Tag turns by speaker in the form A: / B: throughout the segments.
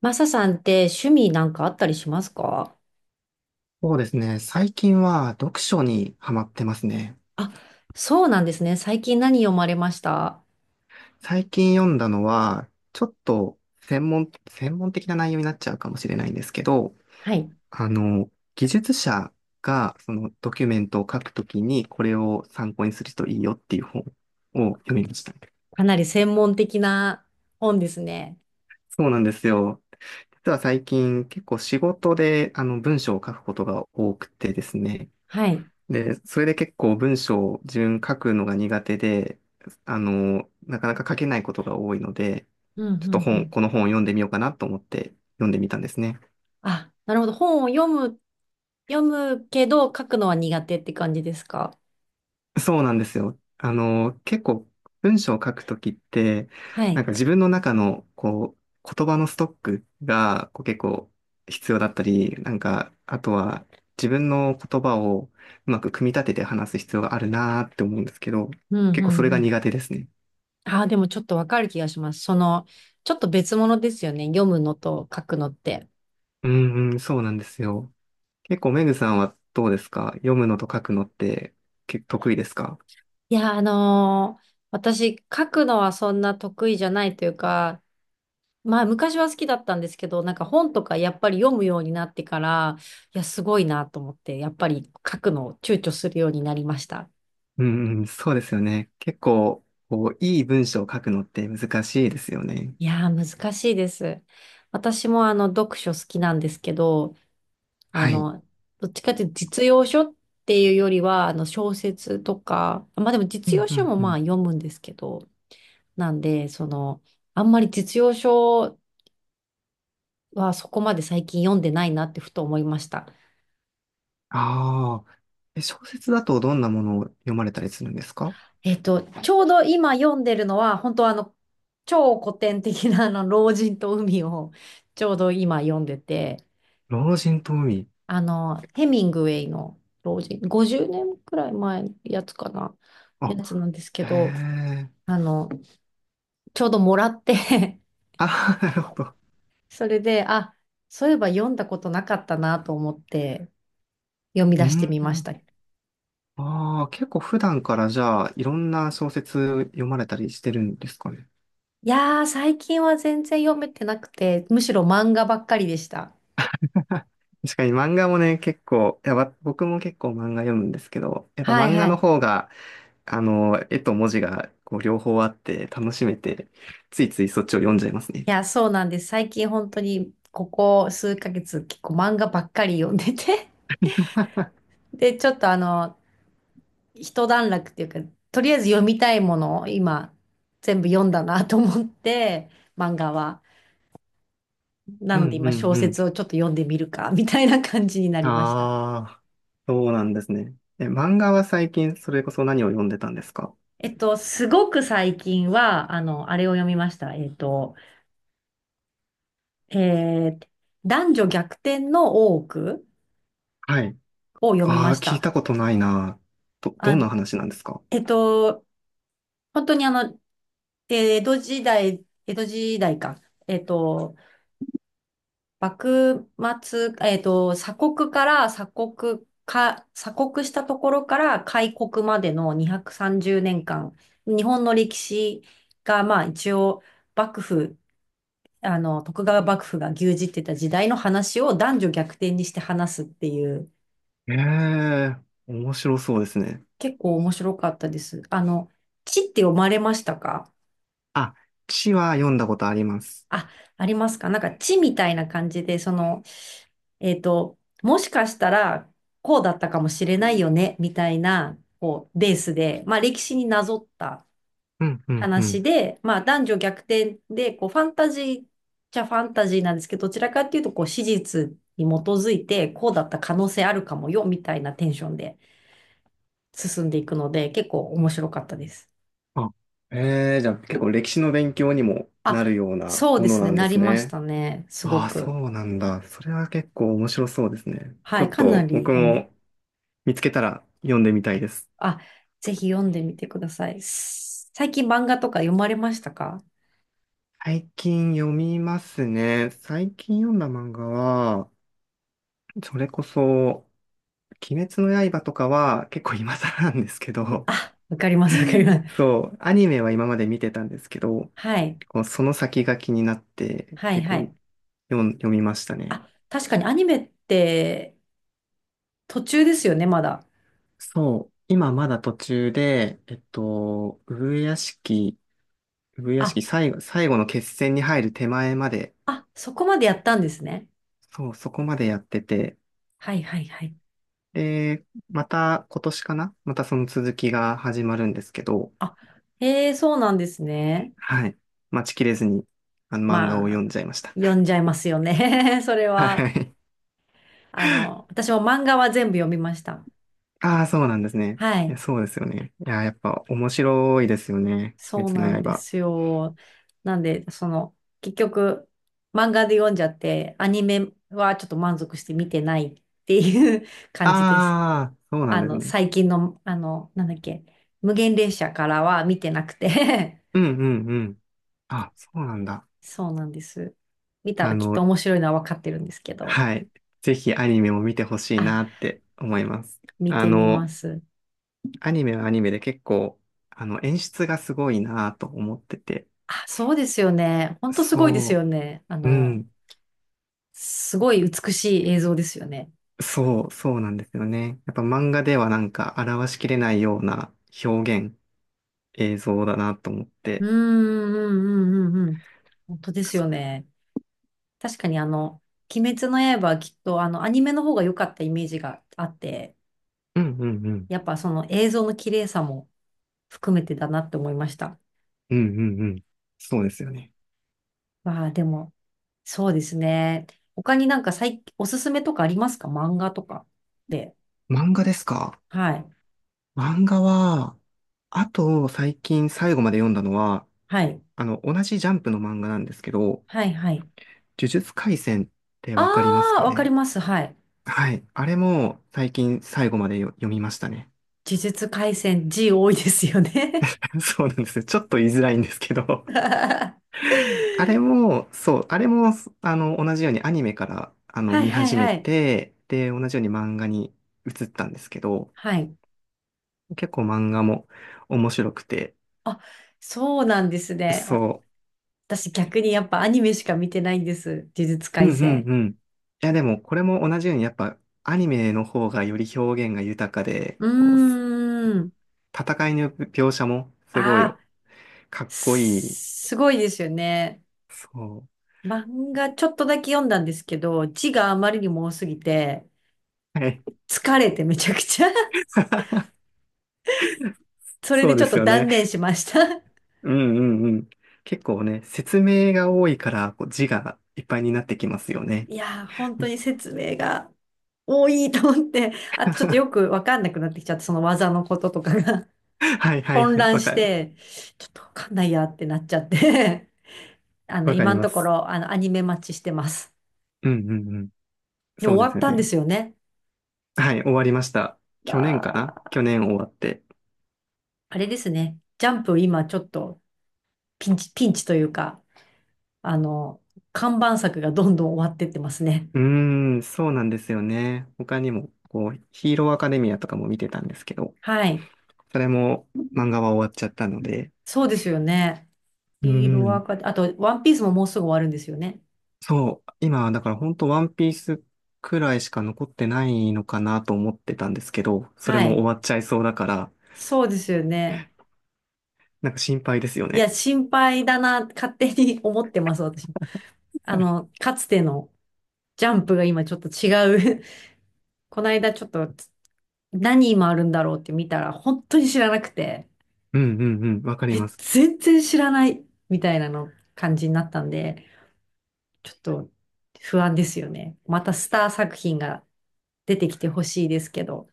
A: マサさんって趣味なんかあったりしますか？
B: そうですね。最近は読書にハマってますね。
A: あ、そうなんですね。最近何読まれました？
B: 最近読んだのは、ちょっと専門的な内容になっちゃうかもしれないんですけど、
A: はい。
B: 技術者がそのドキュメントを書くときにこれを参考にするといいよっていう本を読みました。
A: かなり専門的な本ですね。
B: そうなんですよ。実は最近結構仕事で文章を書くことが多くてですね、
A: はい。
B: で、それで結構文章を自分書くのが苦手で、なかなか書けないことが多いので、
A: うん、
B: ちょっ
A: う
B: と
A: ん、う
B: 本、
A: ん。
B: この本を読んでみようかなと思って読んでみたんですね。
A: あ、なるほど。本を読むけど書くのは苦手って感じですか？
B: そうなんですよ。結構文章を書くときって、
A: は
B: なん
A: い。
B: か自分の中のこう、言葉のストックがこう結構必要だったり、なんか、あとは自分の言葉をうまく組み立てて話す必要があるなーって思うんですけど、
A: うん、うん、
B: 結構それ
A: う
B: が
A: ん。
B: 苦手ですね。
A: あー、でもちょっとわかる気がします。ちょっと別物ですよね。読むのと書くのって。
B: うんうん、そうなんですよ。結構、メグさんはどうですか？読むのと書くのって結構得意ですか？
A: いや、私、書くのはそんな得意じゃないというか、まあ、昔は好きだったんですけど、なんか本とかやっぱり読むようになってから、いや、すごいなと思って、やっぱり書くのを躊躇するようになりました。
B: うんうん、そうですよね。結構、こう、いい文章を書くのって難しいですよね。
A: いやー、難しいです。私も読書好きなんですけど、あ
B: はい。
A: の、どっちかっていうと実用書っていうよりは、小説とか、まあでも
B: う
A: 実
B: ん
A: 用
B: う
A: 書
B: ん
A: も
B: う
A: まあ
B: ん。
A: 読むんですけど、なんで、あんまり実用書はそこまで最近読んでないなってふと思いました。
B: ああ。え、小説だとどんなものを読まれたりするんですか？
A: ちょうど今読んでるのは、本当超古典的な老人と海をちょうど今読んでて、
B: 老人と海。
A: ヘミングウェイの老人、50年くらい前のやつかな、
B: あ、
A: やつなんですけ
B: へ
A: ど、
B: え。
A: あの、ちょうどもらって
B: あ、なるほど。
A: それで、あ、そういえば読んだことなかったなと思って読み
B: う
A: 出して
B: ん。
A: みました。い
B: ああ、結構普段からじゃあ、いろんな小説読まれたりしてるんですかね。
A: やー、最近は全然読めてなくて、むしろ漫画ばっかりでした。
B: 確かに漫画もね、結構、いや、僕も結構漫画読むんですけど、やっぱ
A: はい
B: 漫画
A: は
B: の
A: い。
B: 方が、絵と文字がこう両方あって楽しめて、ついついそっちを読んじゃいますね。
A: いや、そうなんです。最近本当にここ数ヶ月結構漫画ばっかり読んでて で、ちょっと一段落っていうか、とりあえず読みたいものを今全部読んだなと思って、漫画は。な
B: う
A: ので
B: んう
A: 今小
B: んうん。
A: 説をちょっと読んでみるか、みたいな感じになりました。
B: ああ、そうなんですね。え、漫画は最近それこそ何を読んでたんですか？
A: すごく最近は、あれを読みました。えー男女逆転の大奥
B: はい。
A: を読み
B: あ
A: ま
B: あ、
A: し
B: 聞い
A: た。
B: たことないな。ど
A: あ、
B: んな話なんですか？
A: えっと、本当にで、江戸時代、江戸時代か。えっと、幕末、鎖国から鎖国か、鎖国したところから開国までの230年間、日本の歴史が、まあ一応、幕府、徳川幕府が牛耳ってた時代の話を男女逆転にして話すっていう、
B: ええ、面白そうですね。
A: 結構面白かったです。地って読まれましたか？
B: あ、地は読んだことあります。
A: あ、ありますか？なんか地みたいな感じで、もしかしたらこうだったかもしれないよね、みたいな、こう、ベースで、まあ歴史になぞった
B: うんうんう
A: 話
B: ん。
A: で、まあ男女逆転で、こう、ファンタジーっちゃファンタジーなんですけど、どちらかっていうと、こう、史実に基づいて、こうだった可能性あるかもよ、みたいなテンションで進んでいくので、結構面白かったです。
B: あ、えー、じゃあ結構歴史の勉強にも
A: あ、
B: なるような
A: そう
B: も
A: で
B: の
A: すね、
B: なんで
A: なり
B: す
A: まし
B: ね。
A: たね、すご
B: ああ、そ
A: く。
B: うなんだ。それは結構面白そうですね。ちょ
A: はい、
B: っ
A: かな
B: と僕
A: り。
B: も見つけたら読んでみたいです。
A: あ、ぜひ読んでみてください。最近漫画とか読まれましたか？
B: 最近読みますね。最近読んだ漫画は、それこそ、鬼滅の刃とかは結構今更なんですけど、
A: あ、わかります、わかりま す。
B: そう、アニメは今まで見てたんですけど、
A: はい、
B: こうその先が気になって
A: はい、
B: 結
A: は
B: 構
A: い。
B: 読みましたね。
A: あ、確かにアニメって途中ですよね、まだ。
B: そう、今まだ途中で、えっと、上屋敷、
A: あ、
B: 最後の決戦に入る手前まで、
A: あ、そこまでやったんですね。
B: そう、そこまでやってて、
A: はい、はい、はい。
B: で、また今年かな、またその続きが始まるんですけど、
A: あ、へえ、そうなんですね。
B: はい。待ちきれずに、あの漫画を
A: ま
B: 読
A: あ、
B: んじゃいました。
A: 読んじゃいますよね。それ
B: は
A: は。
B: い。
A: 私も漫画は全部読みました。
B: ああ、そうなんですね。
A: は
B: え、
A: い。
B: そうですよね。いや、やっぱ面白いですよね。鬼
A: そうな
B: 滅
A: ん
B: の
A: で
B: 刃。
A: すよ。なんで、結局、漫画で読んじゃって、アニメはちょっと満足して見てないっていう 感じです。
B: ああ、そうなんですね。
A: 最近の、なんだっけ、無限列車からは見てなくて
B: うんうんうん。あ、そうなんだ。
A: そうなんです。見た
B: あ
A: らきっと
B: の、
A: 面白いのは分かってるんですけど。
B: はい。ぜひアニメも見てほしい
A: あ、
B: なって思います。
A: 見
B: あ
A: てみま
B: の、
A: す。
B: アニメはアニメで結構、演出がすごいなと思ってて。
A: あ、そうですよね。ほんとすごいです
B: そ
A: よね。
B: う、うん、
A: すごい美しい映像ですよね。
B: そうなんですよね。やっぱ漫画ではなんか表しきれないような表現、映像だなと思っ
A: うー
B: て。
A: ん、うん、うん、うん。うん、本当
B: な
A: で
B: んか
A: す
B: そ
A: よね。確かに鬼滅の刃はきっとアニメの方が良かったイメージがあって、
B: んうんうん。
A: やっぱその映像の綺麗さも含めてだなって思いました。
B: うんうんうん。そうですよね。
A: まあでも、そうですね。他になんか最おすすめとかありますか？漫画とかで。
B: 漫画ですか？
A: はい。
B: 漫画は、あと最近最後まで読んだのは、
A: はい。
B: 同じジャンプの漫画なんですけど、
A: はい、はい。
B: 呪術廻戦って
A: あ
B: わかります
A: あ、
B: か
A: わかり
B: ね？
A: ます。はい。
B: はい。あれも最近最後まで読みましたね。
A: 呪術廻戦 G 多いですよね。
B: そうなんですよ。ちょっと言いづらいんですけど。
A: は
B: あれも、そう、あれも、同じようにアニメから、
A: い、はい、
B: 見始め
A: はい。
B: て、で、同じように漫画に移ったんですけど、
A: はい。
B: 結構漫画も面白くて、
A: あ、そうなんですね。
B: そ
A: 私逆にやっぱアニメしか見てないんです。呪術
B: う、うん
A: 廻
B: う
A: 戦。
B: んうん。いや、でも、これも同じように、やっぱ、アニメの方がより表現が豊かで、こう、
A: うーん。
B: 戦いの描写もすご
A: あ
B: い
A: あ、
B: かっこいい、
A: すごいですよね。
B: そ
A: 漫画ちょっとだけ読んだんですけど、字があまりにも多すぎて、
B: う。はい。
A: 疲れてめちゃくちゃ それ
B: そ
A: で
B: う
A: ち
B: で
A: ょっと
B: すよ
A: 断
B: ね。
A: 念しました。
B: うんうんうん。結構ね、説明が多いから、こう字がいっぱいになってきますよね。
A: いやー、本当に説明が多いと思って、あとちょっとよ くわかんなくなってきちゃって、その技のこととかが
B: はい はい
A: 混
B: はい。
A: 乱
B: わ
A: し
B: かる。
A: て、ちょっとわかんないやってなっちゃって
B: わか
A: 今
B: り
A: の
B: ま
A: とこ
B: す。
A: ろ、アニメ待ちしてます。
B: うんうんうん。
A: でも
B: そうで
A: 終わ
B: す
A: っ
B: よ
A: たんで
B: ね。
A: すよね。
B: はい、終わりました。
A: あ
B: 去年かな、
A: ー、
B: 去年終わって。
A: あれですね。ジャンプ今ちょっとピンチ、ピンチというか、あの、看板作がどんどん終わってってますね。
B: うーん、そうなんですよね。他にも、こう、ヒーローアカデミアとかも見てたんですけど、
A: はい。
B: それも漫画は終わっちゃったので。
A: そうですよね。
B: うー
A: ヒー
B: う
A: ローア
B: ん
A: カデあと、ワンピースももうすぐ終わるんですよね。
B: そう、今、だから本当ワンピースくらいしか残ってないのかなと思ってたんですけど、それ
A: は
B: も終
A: い。
B: わっちゃいそうだから、
A: そうですよね。
B: なんか心配ですよ
A: いや、
B: ね。
A: 心配だな、勝手に 思ってます、私も。かつてのジャンプが今ちょっと違う この間ちょっと何今あるんだろうって見たら本当に知らなくて、
B: うんうんうん、わかりま
A: え、
B: す。
A: 全然知らないみたいなの感じになったんで、ちょっと不安ですよね。またスター作品が出てきてほしいですけど。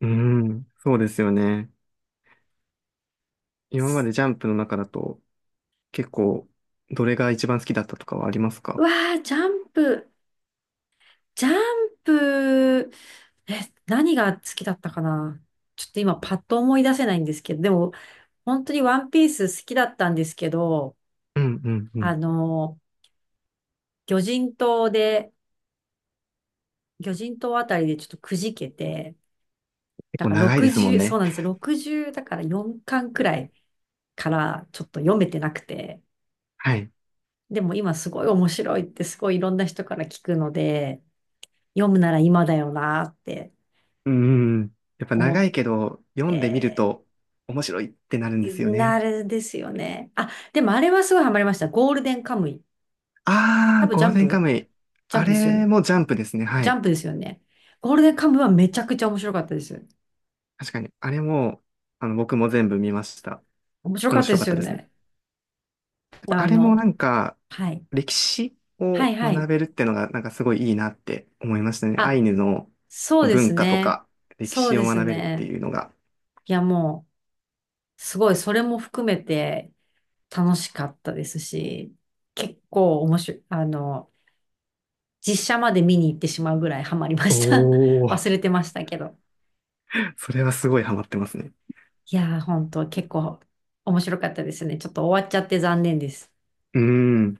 B: うん、そうですよね。今までジャンプの中だと、結構、どれが一番好きだったとかはあります
A: う
B: か？
A: わー、ジャンプ、え、何が好きだったかな。ちょっと今パッと思い出せないんですけど、でも本当にワンピース好きだったんですけど、
B: うんうんうん。
A: あの、魚人島で、魚人島あたりでちょっとくじけて、
B: 結
A: だ
B: 構
A: から
B: 長いですもん
A: 60、そう
B: ね。
A: なんですよ。60だから4巻くらいからちょっと読めてなくて。
B: はい。
A: でも今すごい面白いってすごいいろんな人から聞くので、読むなら今だよなって
B: うんうんうん。やっぱ
A: 思
B: 長
A: っ
B: いけど、読んでみる
A: て、
B: と面白いってなるんですよ
A: な
B: ね。
A: るですよね。あ、でもあれはすごいハマりました。ゴールデンカムイ。
B: あ
A: 多
B: ー、
A: 分ジ
B: ゴー
A: ャ
B: ル
A: ン
B: デンカ
A: プ
B: ムイ。
A: ジャン
B: あ
A: プですよね。
B: れもジャンプですね。は
A: ジャ
B: い。
A: ンプですよね。ゴールデンカムイはめちゃくちゃ面白かったです。
B: 確かに、あれも、僕も全部見ました。
A: 面白かっ
B: 面
A: たで
B: 白か
A: す
B: っ
A: よ
B: たですね。
A: ね。
B: やっぱ
A: あ
B: あれもな
A: の、
B: んか、
A: はい。
B: 歴史
A: はい
B: を
A: はい。
B: 学べるってのが、なんかすごいいいなって思いましたね。ア
A: あ、
B: イヌの
A: そう
B: こう
A: です
B: 文化と
A: ね。
B: か、歴
A: そう
B: 史を
A: です
B: 学べるって
A: ね。
B: いうのが。
A: いや、もう、すごい、それも含めて楽しかったですし、結構面白い、実写まで見に行ってしまうぐらいハマりました。
B: おお。
A: 忘れてましたけど。
B: それはすごいハマってますね。
A: いやー、本当結構面白かったですね。ちょっと終わっちゃって残念です。
B: うーん。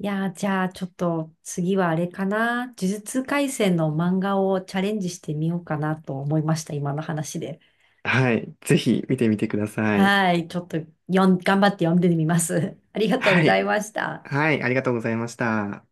A: いやー、じゃあ、ちょっと次はあれかな。呪術廻戦の漫画をチャレンジしてみようかなと思いました、今の話で。
B: はい。ぜひ見てみてください。
A: はい、ちょっと頑張って読んでみます。ありがとうご
B: は
A: ざい
B: い。
A: ました。
B: はい。ありがとうございました。